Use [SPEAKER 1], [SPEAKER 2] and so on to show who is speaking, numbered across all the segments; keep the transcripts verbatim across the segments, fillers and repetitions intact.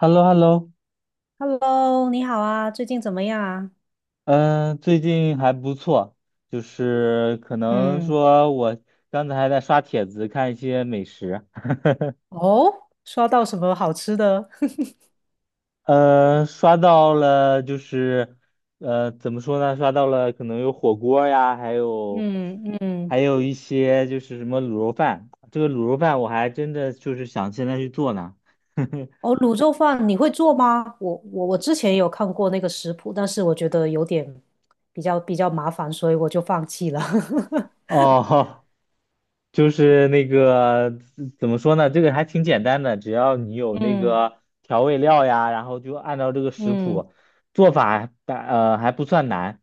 [SPEAKER 1] h e l l o h e l l o
[SPEAKER 2] Hello，你好啊，最近怎么样啊？
[SPEAKER 1] 嗯，最近还不错，就是可能
[SPEAKER 2] 嗯。
[SPEAKER 1] 说我刚才还在刷帖子看一些美食，
[SPEAKER 2] 哦，刷到什么好吃的？
[SPEAKER 1] 呃，刷到了就是，呃，怎么说呢？刷到了可能有火锅呀，还有
[SPEAKER 2] 嗯嗯。
[SPEAKER 1] 还有一些就是什么卤肉饭，这个卤肉饭我还真的就是想现在去做呢。
[SPEAKER 2] 哦，卤肉饭你会做吗？我我我之前有看过那个食谱，但是我觉得有点比较比较麻烦，所以我就放弃了。
[SPEAKER 1] 哦，就是那个怎怎么说呢？这个还挺简单的，只要你有那
[SPEAKER 2] 嗯
[SPEAKER 1] 个调味料呀，然后就按照这个食
[SPEAKER 2] 嗯。
[SPEAKER 1] 谱做法还，呃还不算难。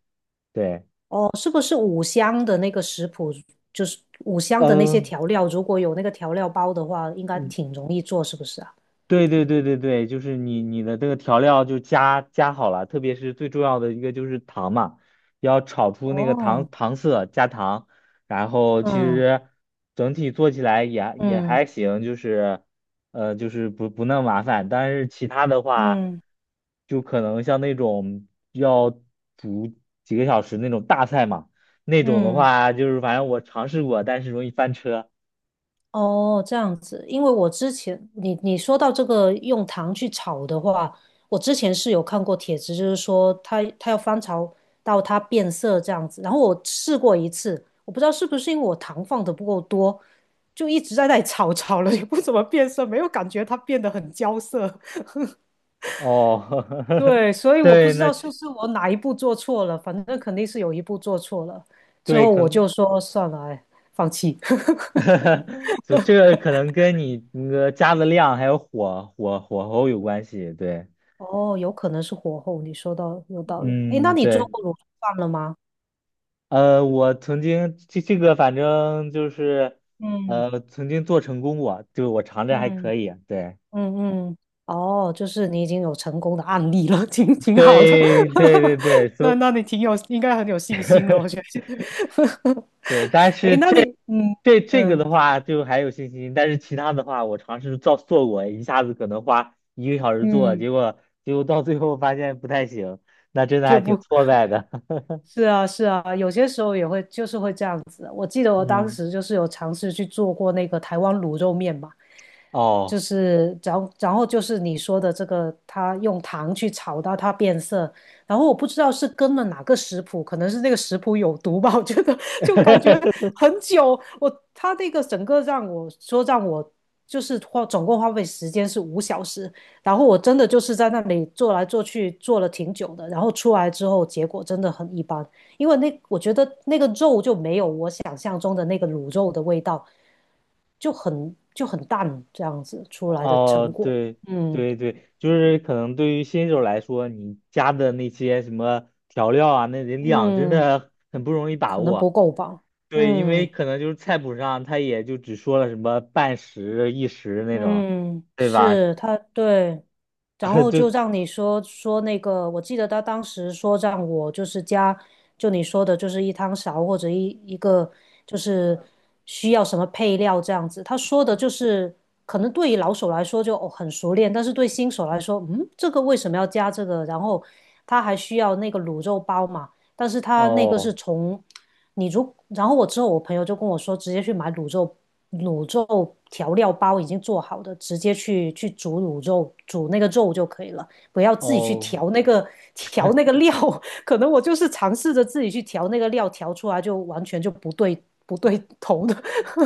[SPEAKER 1] 对，
[SPEAKER 2] 哦，是不是五香的那个食谱，就是五香的那些
[SPEAKER 1] 嗯，
[SPEAKER 2] 调料，如果有那个调料包的话，应该挺容易做，是不是啊？
[SPEAKER 1] 对对对对对，就是你你的这个调料就加加好了，特别是最重要的一个就是糖嘛，要炒出那个糖
[SPEAKER 2] 哦，
[SPEAKER 1] 糖色，加糖，然后其
[SPEAKER 2] 嗯
[SPEAKER 1] 实整体做起来也也
[SPEAKER 2] 嗯
[SPEAKER 1] 还行，就是呃就是不不那么麻烦，但是其他的话，
[SPEAKER 2] 嗯
[SPEAKER 1] 就可能像那种要煮几个小时那种大菜嘛，那种的
[SPEAKER 2] 嗯。
[SPEAKER 1] 话就是反正我尝试过，但是容易翻车
[SPEAKER 2] 哦，这样子。因为我之前你你说到这个用糖去炒的话，我之前是有看过帖子，就是说它它要翻炒到它变色这样子。然后我试过一次，我不知道是不是因为我糖放的不够多，就一直在那里炒 炒了，也不怎么变色，没有感觉它变得很焦色。
[SPEAKER 1] 哦，
[SPEAKER 2] 对，所以我不
[SPEAKER 1] 对，
[SPEAKER 2] 知
[SPEAKER 1] 那
[SPEAKER 2] 道是不是我哪一步做错了，反正肯定是有一步做错了，之
[SPEAKER 1] 对
[SPEAKER 2] 后
[SPEAKER 1] 可
[SPEAKER 2] 我就
[SPEAKER 1] 能。
[SPEAKER 2] 说算了，哎，放弃。
[SPEAKER 1] 就这个可能跟你那个加的量还有火火火候有关系，对，
[SPEAKER 2] 哦，有可能是火候，你说到有道理。哎，那
[SPEAKER 1] 嗯，
[SPEAKER 2] 你做
[SPEAKER 1] 对，
[SPEAKER 2] 过卤肉饭了吗？
[SPEAKER 1] 呃，我曾经这这个反正就是，
[SPEAKER 2] 嗯
[SPEAKER 1] 呃，曾经做成功过，就我尝着还可
[SPEAKER 2] 嗯，
[SPEAKER 1] 以，对，
[SPEAKER 2] 嗯嗯。哦，就是你已经有成功的案例了，挺挺好的。
[SPEAKER 1] 对，对对对，
[SPEAKER 2] 那
[SPEAKER 1] 所
[SPEAKER 2] 那你挺有，应该很有信心了，我觉得。
[SPEAKER 1] 对，但
[SPEAKER 2] 哎，
[SPEAKER 1] 是
[SPEAKER 2] 那你，
[SPEAKER 1] 这
[SPEAKER 2] 嗯
[SPEAKER 1] 这这个
[SPEAKER 2] 嗯
[SPEAKER 1] 的话就还有信心，但是其他的话我尝试做做过，一下子可能花一个小时做，
[SPEAKER 2] 嗯，
[SPEAKER 1] 结果结果到最后发现不太行，那真的
[SPEAKER 2] 就
[SPEAKER 1] 还挺
[SPEAKER 2] 不。
[SPEAKER 1] 挫败的，
[SPEAKER 2] 是啊，是啊，有些时候也会就是会这样子。我记得 我当
[SPEAKER 1] 嗯。
[SPEAKER 2] 时就是有尝试去做过那个台湾卤肉面嘛，就
[SPEAKER 1] 哦，
[SPEAKER 2] 是然后然后就是你说的这个，它用糖去炒到它变色。然后我不知道是跟了哪个食谱，可能是那个食谱有毒吧，我觉得 就感觉 很久。我它那个整个让我说让我就是花总共花费时间是五小时。然后我真的就是在那里做来做去，做了挺久的，然后出来之后结果真的很一般，因为那我觉得那个肉就没有我想象中的那个卤肉的味道，就很就很淡这样子出来的成
[SPEAKER 1] 哦，
[SPEAKER 2] 果。
[SPEAKER 1] 对
[SPEAKER 2] 嗯
[SPEAKER 1] 对对，就是可能对于新手来说，你加的那些什么调料啊，那得量真
[SPEAKER 2] 嗯，
[SPEAKER 1] 的很不容易把
[SPEAKER 2] 可能
[SPEAKER 1] 握。
[SPEAKER 2] 不够吧。
[SPEAKER 1] 对，因为
[SPEAKER 2] 嗯
[SPEAKER 1] 可能就是菜谱上他也就只说了什么半匙、一时那种，
[SPEAKER 2] 嗯，
[SPEAKER 1] 对吧？
[SPEAKER 2] 是它对。然 后就
[SPEAKER 1] 就
[SPEAKER 2] 让你说说那个，我记得他当时说让我就是加，就你说的，就是一汤勺或者一一个就是需要什么配料这样子。他说的就是可能对于老手来说就哦很熟练，但是对新手来说，嗯，这个为什么要加这个？然后他还需要那个卤肉包嘛，但是他那个是
[SPEAKER 1] 哦
[SPEAKER 2] 从你如，然后我之后我朋友就跟我说，直接去买卤肉卤肉调料包已经做好的，直接去去煮卤肉，煮那个肉就可以了，不要自己去
[SPEAKER 1] 哦。
[SPEAKER 2] 调那个调那个料。可能我就是尝试着自己去调那个料，调出来就完全就不对不对头的。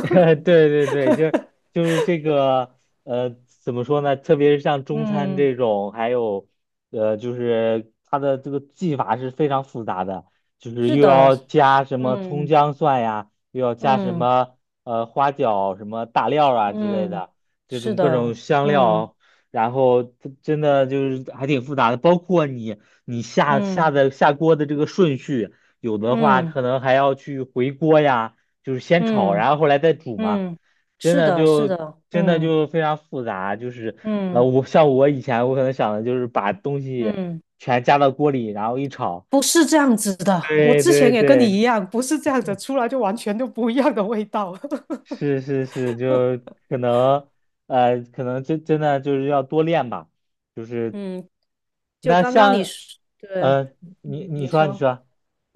[SPEAKER 1] 对对对，就 就是这个，呃，怎么说呢？特别是像中餐
[SPEAKER 2] 嗯，
[SPEAKER 1] 这种，还有，呃，就是它的这个技法是非常复杂的，就是
[SPEAKER 2] 是
[SPEAKER 1] 又
[SPEAKER 2] 的，
[SPEAKER 1] 要加什么葱
[SPEAKER 2] 嗯
[SPEAKER 1] 姜蒜呀，又要加什
[SPEAKER 2] 嗯
[SPEAKER 1] 么呃花椒、什么大料啊之类
[SPEAKER 2] 嗯，
[SPEAKER 1] 的，这
[SPEAKER 2] 是
[SPEAKER 1] 种各种
[SPEAKER 2] 的，
[SPEAKER 1] 香
[SPEAKER 2] 嗯
[SPEAKER 1] 料，然后它真的就是还挺复杂的，包括你你下下
[SPEAKER 2] 嗯
[SPEAKER 1] 的下锅的这个顺序，有的话
[SPEAKER 2] 嗯
[SPEAKER 1] 可能还要去回锅呀。就是先炒，
[SPEAKER 2] 嗯
[SPEAKER 1] 然后后来再煮嘛，
[SPEAKER 2] 嗯，
[SPEAKER 1] 真
[SPEAKER 2] 是
[SPEAKER 1] 的
[SPEAKER 2] 的，是
[SPEAKER 1] 就
[SPEAKER 2] 的，
[SPEAKER 1] 真的
[SPEAKER 2] 嗯
[SPEAKER 1] 就非常复杂，就是呃，
[SPEAKER 2] 嗯
[SPEAKER 1] 我像我以前我可能想的就是把东西
[SPEAKER 2] 嗯。
[SPEAKER 1] 全加到锅里，然后一炒，
[SPEAKER 2] 不是这样子的，我
[SPEAKER 1] 对
[SPEAKER 2] 之
[SPEAKER 1] 对
[SPEAKER 2] 前也跟你一
[SPEAKER 1] 对，
[SPEAKER 2] 样，不是这样子，出来就完全都不一样的味道。
[SPEAKER 1] 是是是，就可能呃，可能真真的就是要多练吧，就是
[SPEAKER 2] 嗯，就
[SPEAKER 1] 那
[SPEAKER 2] 刚刚你
[SPEAKER 1] 像
[SPEAKER 2] 说，对，
[SPEAKER 1] 呃，你
[SPEAKER 2] 嗯，
[SPEAKER 1] 你
[SPEAKER 2] 你
[SPEAKER 1] 说你
[SPEAKER 2] 说。
[SPEAKER 1] 说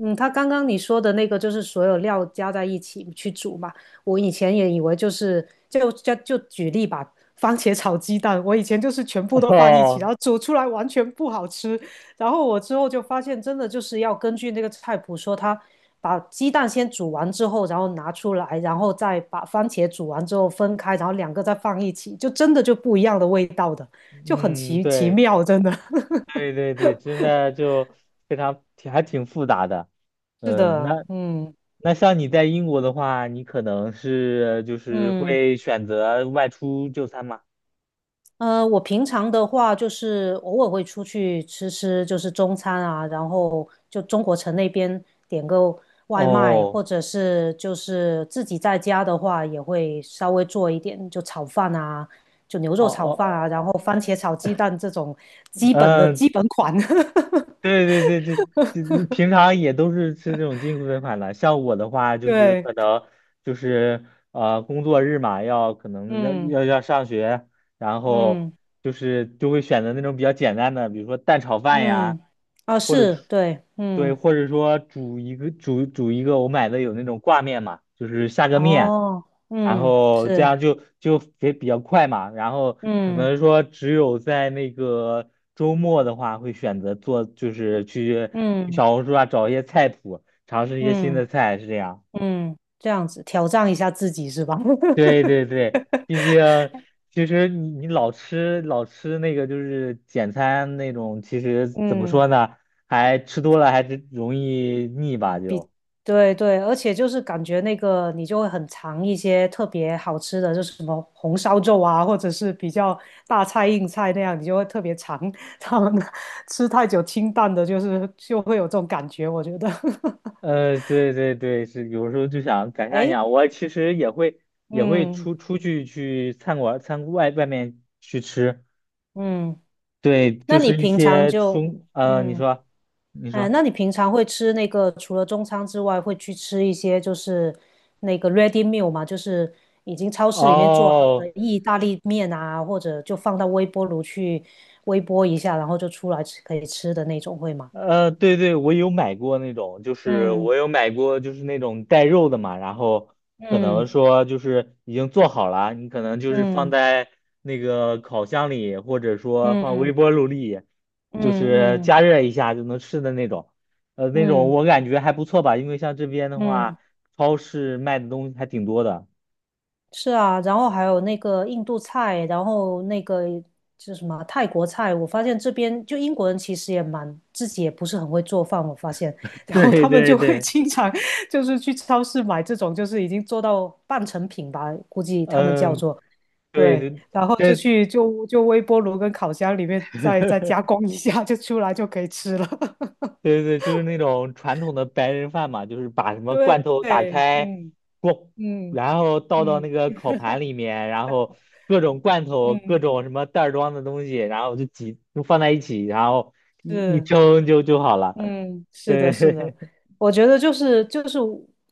[SPEAKER 2] 嗯，他刚刚你说的那个就是所有料加在一起去煮嘛。我以前也以为就是就就就举例吧，番茄炒鸡蛋，我以前就是全部 都放一起，
[SPEAKER 1] 哦，
[SPEAKER 2] 然后煮出来完全不好吃。然后我之后就发现，真的就是要根据那个菜谱说，他把鸡蛋先煮完之后，然后拿出来，然后再把番茄煮完之后分开，然后两个再放一起，就真的就不一样的味道的，就很
[SPEAKER 1] 嗯，
[SPEAKER 2] 奇奇
[SPEAKER 1] 对
[SPEAKER 2] 妙，真的。
[SPEAKER 1] 对对对，真的就非常挺还挺复杂的。
[SPEAKER 2] 是
[SPEAKER 1] 嗯，
[SPEAKER 2] 的，
[SPEAKER 1] 那
[SPEAKER 2] 嗯
[SPEAKER 1] 那像你在英国的话，你可能是就是
[SPEAKER 2] 嗯。
[SPEAKER 1] 会选择外出就餐吗？
[SPEAKER 2] 呃，我平常的话就是偶尔会出去吃吃，就是中餐啊，然后就中国城那边点个外卖，
[SPEAKER 1] 哦
[SPEAKER 2] 或者是就是自己在家的话也会稍微做一点，就炒饭啊，就牛
[SPEAKER 1] 哦
[SPEAKER 2] 肉炒饭啊，
[SPEAKER 1] 哦，
[SPEAKER 2] 然后番
[SPEAKER 1] 哦，
[SPEAKER 2] 茄炒鸡蛋这种基本的
[SPEAKER 1] 嗯，
[SPEAKER 2] 基本款。
[SPEAKER 1] 对对对对，就你平常也都是吃这种进口款的。像我的话，就是
[SPEAKER 2] 对，
[SPEAKER 1] 可能就是呃工作日嘛，要可能要
[SPEAKER 2] 嗯
[SPEAKER 1] 要要上学，然后
[SPEAKER 2] 嗯
[SPEAKER 1] 就是就会选择那种比较简单的，比如说蛋炒饭呀，
[SPEAKER 2] 嗯，啊
[SPEAKER 1] 或者
[SPEAKER 2] 是，
[SPEAKER 1] 是
[SPEAKER 2] 对，
[SPEAKER 1] 对，
[SPEAKER 2] 嗯，
[SPEAKER 1] 或者说煮一个煮煮一个，我买的有那种挂面嘛，就是下个面，
[SPEAKER 2] 哦，
[SPEAKER 1] 然
[SPEAKER 2] 嗯
[SPEAKER 1] 后这
[SPEAKER 2] 是，
[SPEAKER 1] 样就就也比较快嘛，然后可
[SPEAKER 2] 嗯
[SPEAKER 1] 能说只有在那个周末的话，会选择做就是去去
[SPEAKER 2] 嗯
[SPEAKER 1] 小红书啊找一些菜谱，尝试一些新的
[SPEAKER 2] 嗯。
[SPEAKER 1] 菜，是这样。
[SPEAKER 2] 嗯，这样子挑战一下自己是吧？
[SPEAKER 1] 对 对对，毕竟其实你你老吃老吃那个就是简餐那种，其实怎么
[SPEAKER 2] 嗯，
[SPEAKER 1] 说呢，还吃多了还是容易腻吧就。
[SPEAKER 2] 对对，而且就是感觉那个你就会很尝一些特别好吃的，就是什么红烧肉啊，或者是比较大菜硬菜那样，你就会特别尝。他们吃太久清淡的，就是就会有这种感觉，我觉得。
[SPEAKER 1] 呃，对对对，是有时候就想改善一
[SPEAKER 2] 哎，
[SPEAKER 1] 下。我其实也会也会
[SPEAKER 2] 嗯
[SPEAKER 1] 出出去去餐馆餐外外面去吃，
[SPEAKER 2] 嗯，
[SPEAKER 1] 对，
[SPEAKER 2] 那
[SPEAKER 1] 就
[SPEAKER 2] 你
[SPEAKER 1] 是一
[SPEAKER 2] 平常
[SPEAKER 1] 些
[SPEAKER 2] 就
[SPEAKER 1] 中呃，你
[SPEAKER 2] 嗯。
[SPEAKER 1] 说你
[SPEAKER 2] 嗯，
[SPEAKER 1] 说
[SPEAKER 2] 那你平常会吃那个除了中餐之外，会去吃一些就是那个 ready meal 嘛，就是已经超市里面做好的
[SPEAKER 1] 哦。
[SPEAKER 2] 意大利面啊，或者就放到微波炉去微波一下，然后就出来吃可以吃的那种，会吗？
[SPEAKER 1] 呃，对对，我有买过那种，就是我有买过，就是那种带肉的嘛，然后可能
[SPEAKER 2] 嗯
[SPEAKER 1] 说就是已经做好了，你可能就是放
[SPEAKER 2] 嗯
[SPEAKER 1] 在那个烤箱里，或者说放微
[SPEAKER 2] 嗯
[SPEAKER 1] 波炉里，
[SPEAKER 2] 嗯
[SPEAKER 1] 就是
[SPEAKER 2] 嗯嗯
[SPEAKER 1] 加热一下就能吃的那种。呃，那种
[SPEAKER 2] 嗯
[SPEAKER 1] 我感觉还不错吧，因为像这边的
[SPEAKER 2] 嗯嗯。嗯嗯
[SPEAKER 1] 话，超市卖的东西还挺多的。
[SPEAKER 2] 是啊，然后还有那个印度菜，然后那个就是什么泰国菜，我发现这边就英国人其实也蛮自己也不是很会做饭，我发现，然后
[SPEAKER 1] 对
[SPEAKER 2] 他们
[SPEAKER 1] 对
[SPEAKER 2] 就会
[SPEAKER 1] 对，
[SPEAKER 2] 经常就是去超市买这种就是已经做到半成品吧，估计他们叫
[SPEAKER 1] 嗯，
[SPEAKER 2] 做
[SPEAKER 1] 对
[SPEAKER 2] 对，
[SPEAKER 1] 对
[SPEAKER 2] 然后就
[SPEAKER 1] 对。
[SPEAKER 2] 去就就微波炉跟烤箱里面再再加 工一下，就出来就可以吃了。
[SPEAKER 1] 对对，对，就是那种传统的白人饭嘛，就是把什么
[SPEAKER 2] 对，
[SPEAKER 1] 罐头打开，
[SPEAKER 2] 嗯
[SPEAKER 1] 咣，
[SPEAKER 2] 嗯
[SPEAKER 1] 然后倒到那
[SPEAKER 2] 嗯
[SPEAKER 1] 个烤盘里面，然后各种罐头、各
[SPEAKER 2] 嗯，
[SPEAKER 1] 种什么袋儿装的东西，然后就挤，就放在一起，然后一一
[SPEAKER 2] 是。
[SPEAKER 1] 蒸就就好了。
[SPEAKER 2] 嗯，是
[SPEAKER 1] 对，
[SPEAKER 2] 的，是的，我觉得就是就是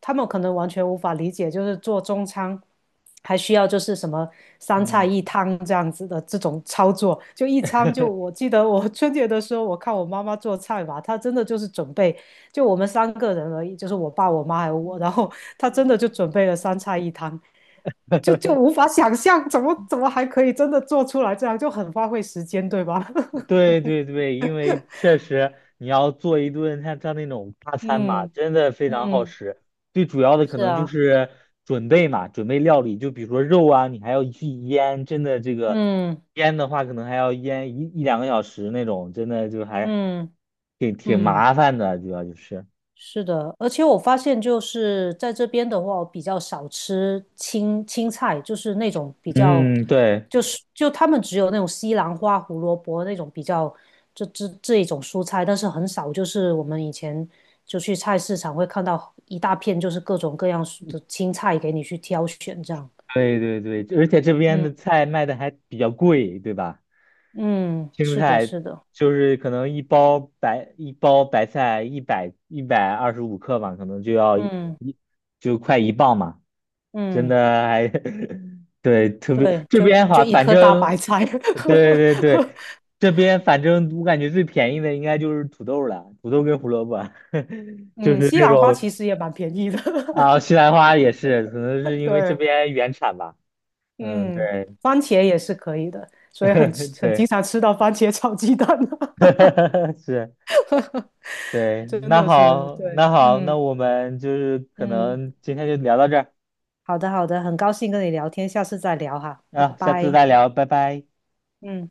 [SPEAKER 2] 他们可能完全无法理解，就是做中餐还需要就是什么三菜
[SPEAKER 1] 嗯，
[SPEAKER 2] 一汤这样子的这种操作，就一餐就我 记得我 春节的时候，我看我妈妈做菜吧，她真的就是准备就我们三个人而已，就是我爸、我妈还有我，然后 她真的就准备了三菜一汤，就就无法想象怎么怎么还可以真的做出来这样，就很花费时间，对吧？
[SPEAKER 1] 对对对，因为确实你要做一顿像像那种大餐嘛，
[SPEAKER 2] 嗯
[SPEAKER 1] 真的非常耗
[SPEAKER 2] 嗯，
[SPEAKER 1] 时。最主要的可
[SPEAKER 2] 是
[SPEAKER 1] 能就
[SPEAKER 2] 啊，
[SPEAKER 1] 是准备嘛，准备料理，就比如说肉啊，你还要去腌，真的这个
[SPEAKER 2] 嗯。
[SPEAKER 1] 腌的话，可能还要腌一一两个小时那种，真的就还
[SPEAKER 2] 嗯
[SPEAKER 1] 挺挺
[SPEAKER 2] 嗯，
[SPEAKER 1] 麻烦的，主要就是。
[SPEAKER 2] 是的，而且我发现就是在这边的话，我比较少吃青青菜，就是那种比较，
[SPEAKER 1] 嗯，对
[SPEAKER 2] 就是就他们只有那种西兰花、胡萝卜那种比较这这这一种蔬菜，但是很少就是我们以前就去菜市场会看到一大片就是各种各样的青菜给你去挑选这样。
[SPEAKER 1] 对对对，而且这边
[SPEAKER 2] 嗯
[SPEAKER 1] 的菜卖的还比较贵，对吧？
[SPEAKER 2] 嗯，
[SPEAKER 1] 青蔬
[SPEAKER 2] 是的，
[SPEAKER 1] 菜
[SPEAKER 2] 是的，
[SPEAKER 1] 就是可能一包白一包白菜一百一百二十五克嘛，可能就要一
[SPEAKER 2] 嗯
[SPEAKER 1] 一就快一磅嘛，真
[SPEAKER 2] 嗯，
[SPEAKER 1] 的还 对特别
[SPEAKER 2] 对，
[SPEAKER 1] 这
[SPEAKER 2] 就
[SPEAKER 1] 边
[SPEAKER 2] 就
[SPEAKER 1] 哈，
[SPEAKER 2] 一
[SPEAKER 1] 反
[SPEAKER 2] 颗大白
[SPEAKER 1] 正
[SPEAKER 2] 菜。
[SPEAKER 1] 对对对，这边反正我感觉最便宜的应该就是土豆了，土豆跟胡萝卜，就
[SPEAKER 2] 嗯，
[SPEAKER 1] 是
[SPEAKER 2] 西
[SPEAKER 1] 那
[SPEAKER 2] 兰花其
[SPEAKER 1] 种
[SPEAKER 2] 实也蛮便宜的，
[SPEAKER 1] 啊 西兰花也是，可能是因为这
[SPEAKER 2] 对，
[SPEAKER 1] 边原产吧，嗯
[SPEAKER 2] 嗯，
[SPEAKER 1] 对
[SPEAKER 2] 番茄也是可以的，所以很吃 很
[SPEAKER 1] 对，
[SPEAKER 2] 经常吃到番茄炒鸡蛋啊，
[SPEAKER 1] 是。对，
[SPEAKER 2] 真
[SPEAKER 1] 那
[SPEAKER 2] 的是，
[SPEAKER 1] 好，
[SPEAKER 2] 对，
[SPEAKER 1] 那好，那
[SPEAKER 2] 嗯
[SPEAKER 1] 我们就是可
[SPEAKER 2] 嗯，
[SPEAKER 1] 能今天就聊到这儿
[SPEAKER 2] 好的好的，很高兴跟你聊天，下次再聊哈，拜
[SPEAKER 1] 啊，下次
[SPEAKER 2] 拜，
[SPEAKER 1] 再聊，拜拜。
[SPEAKER 2] 嗯。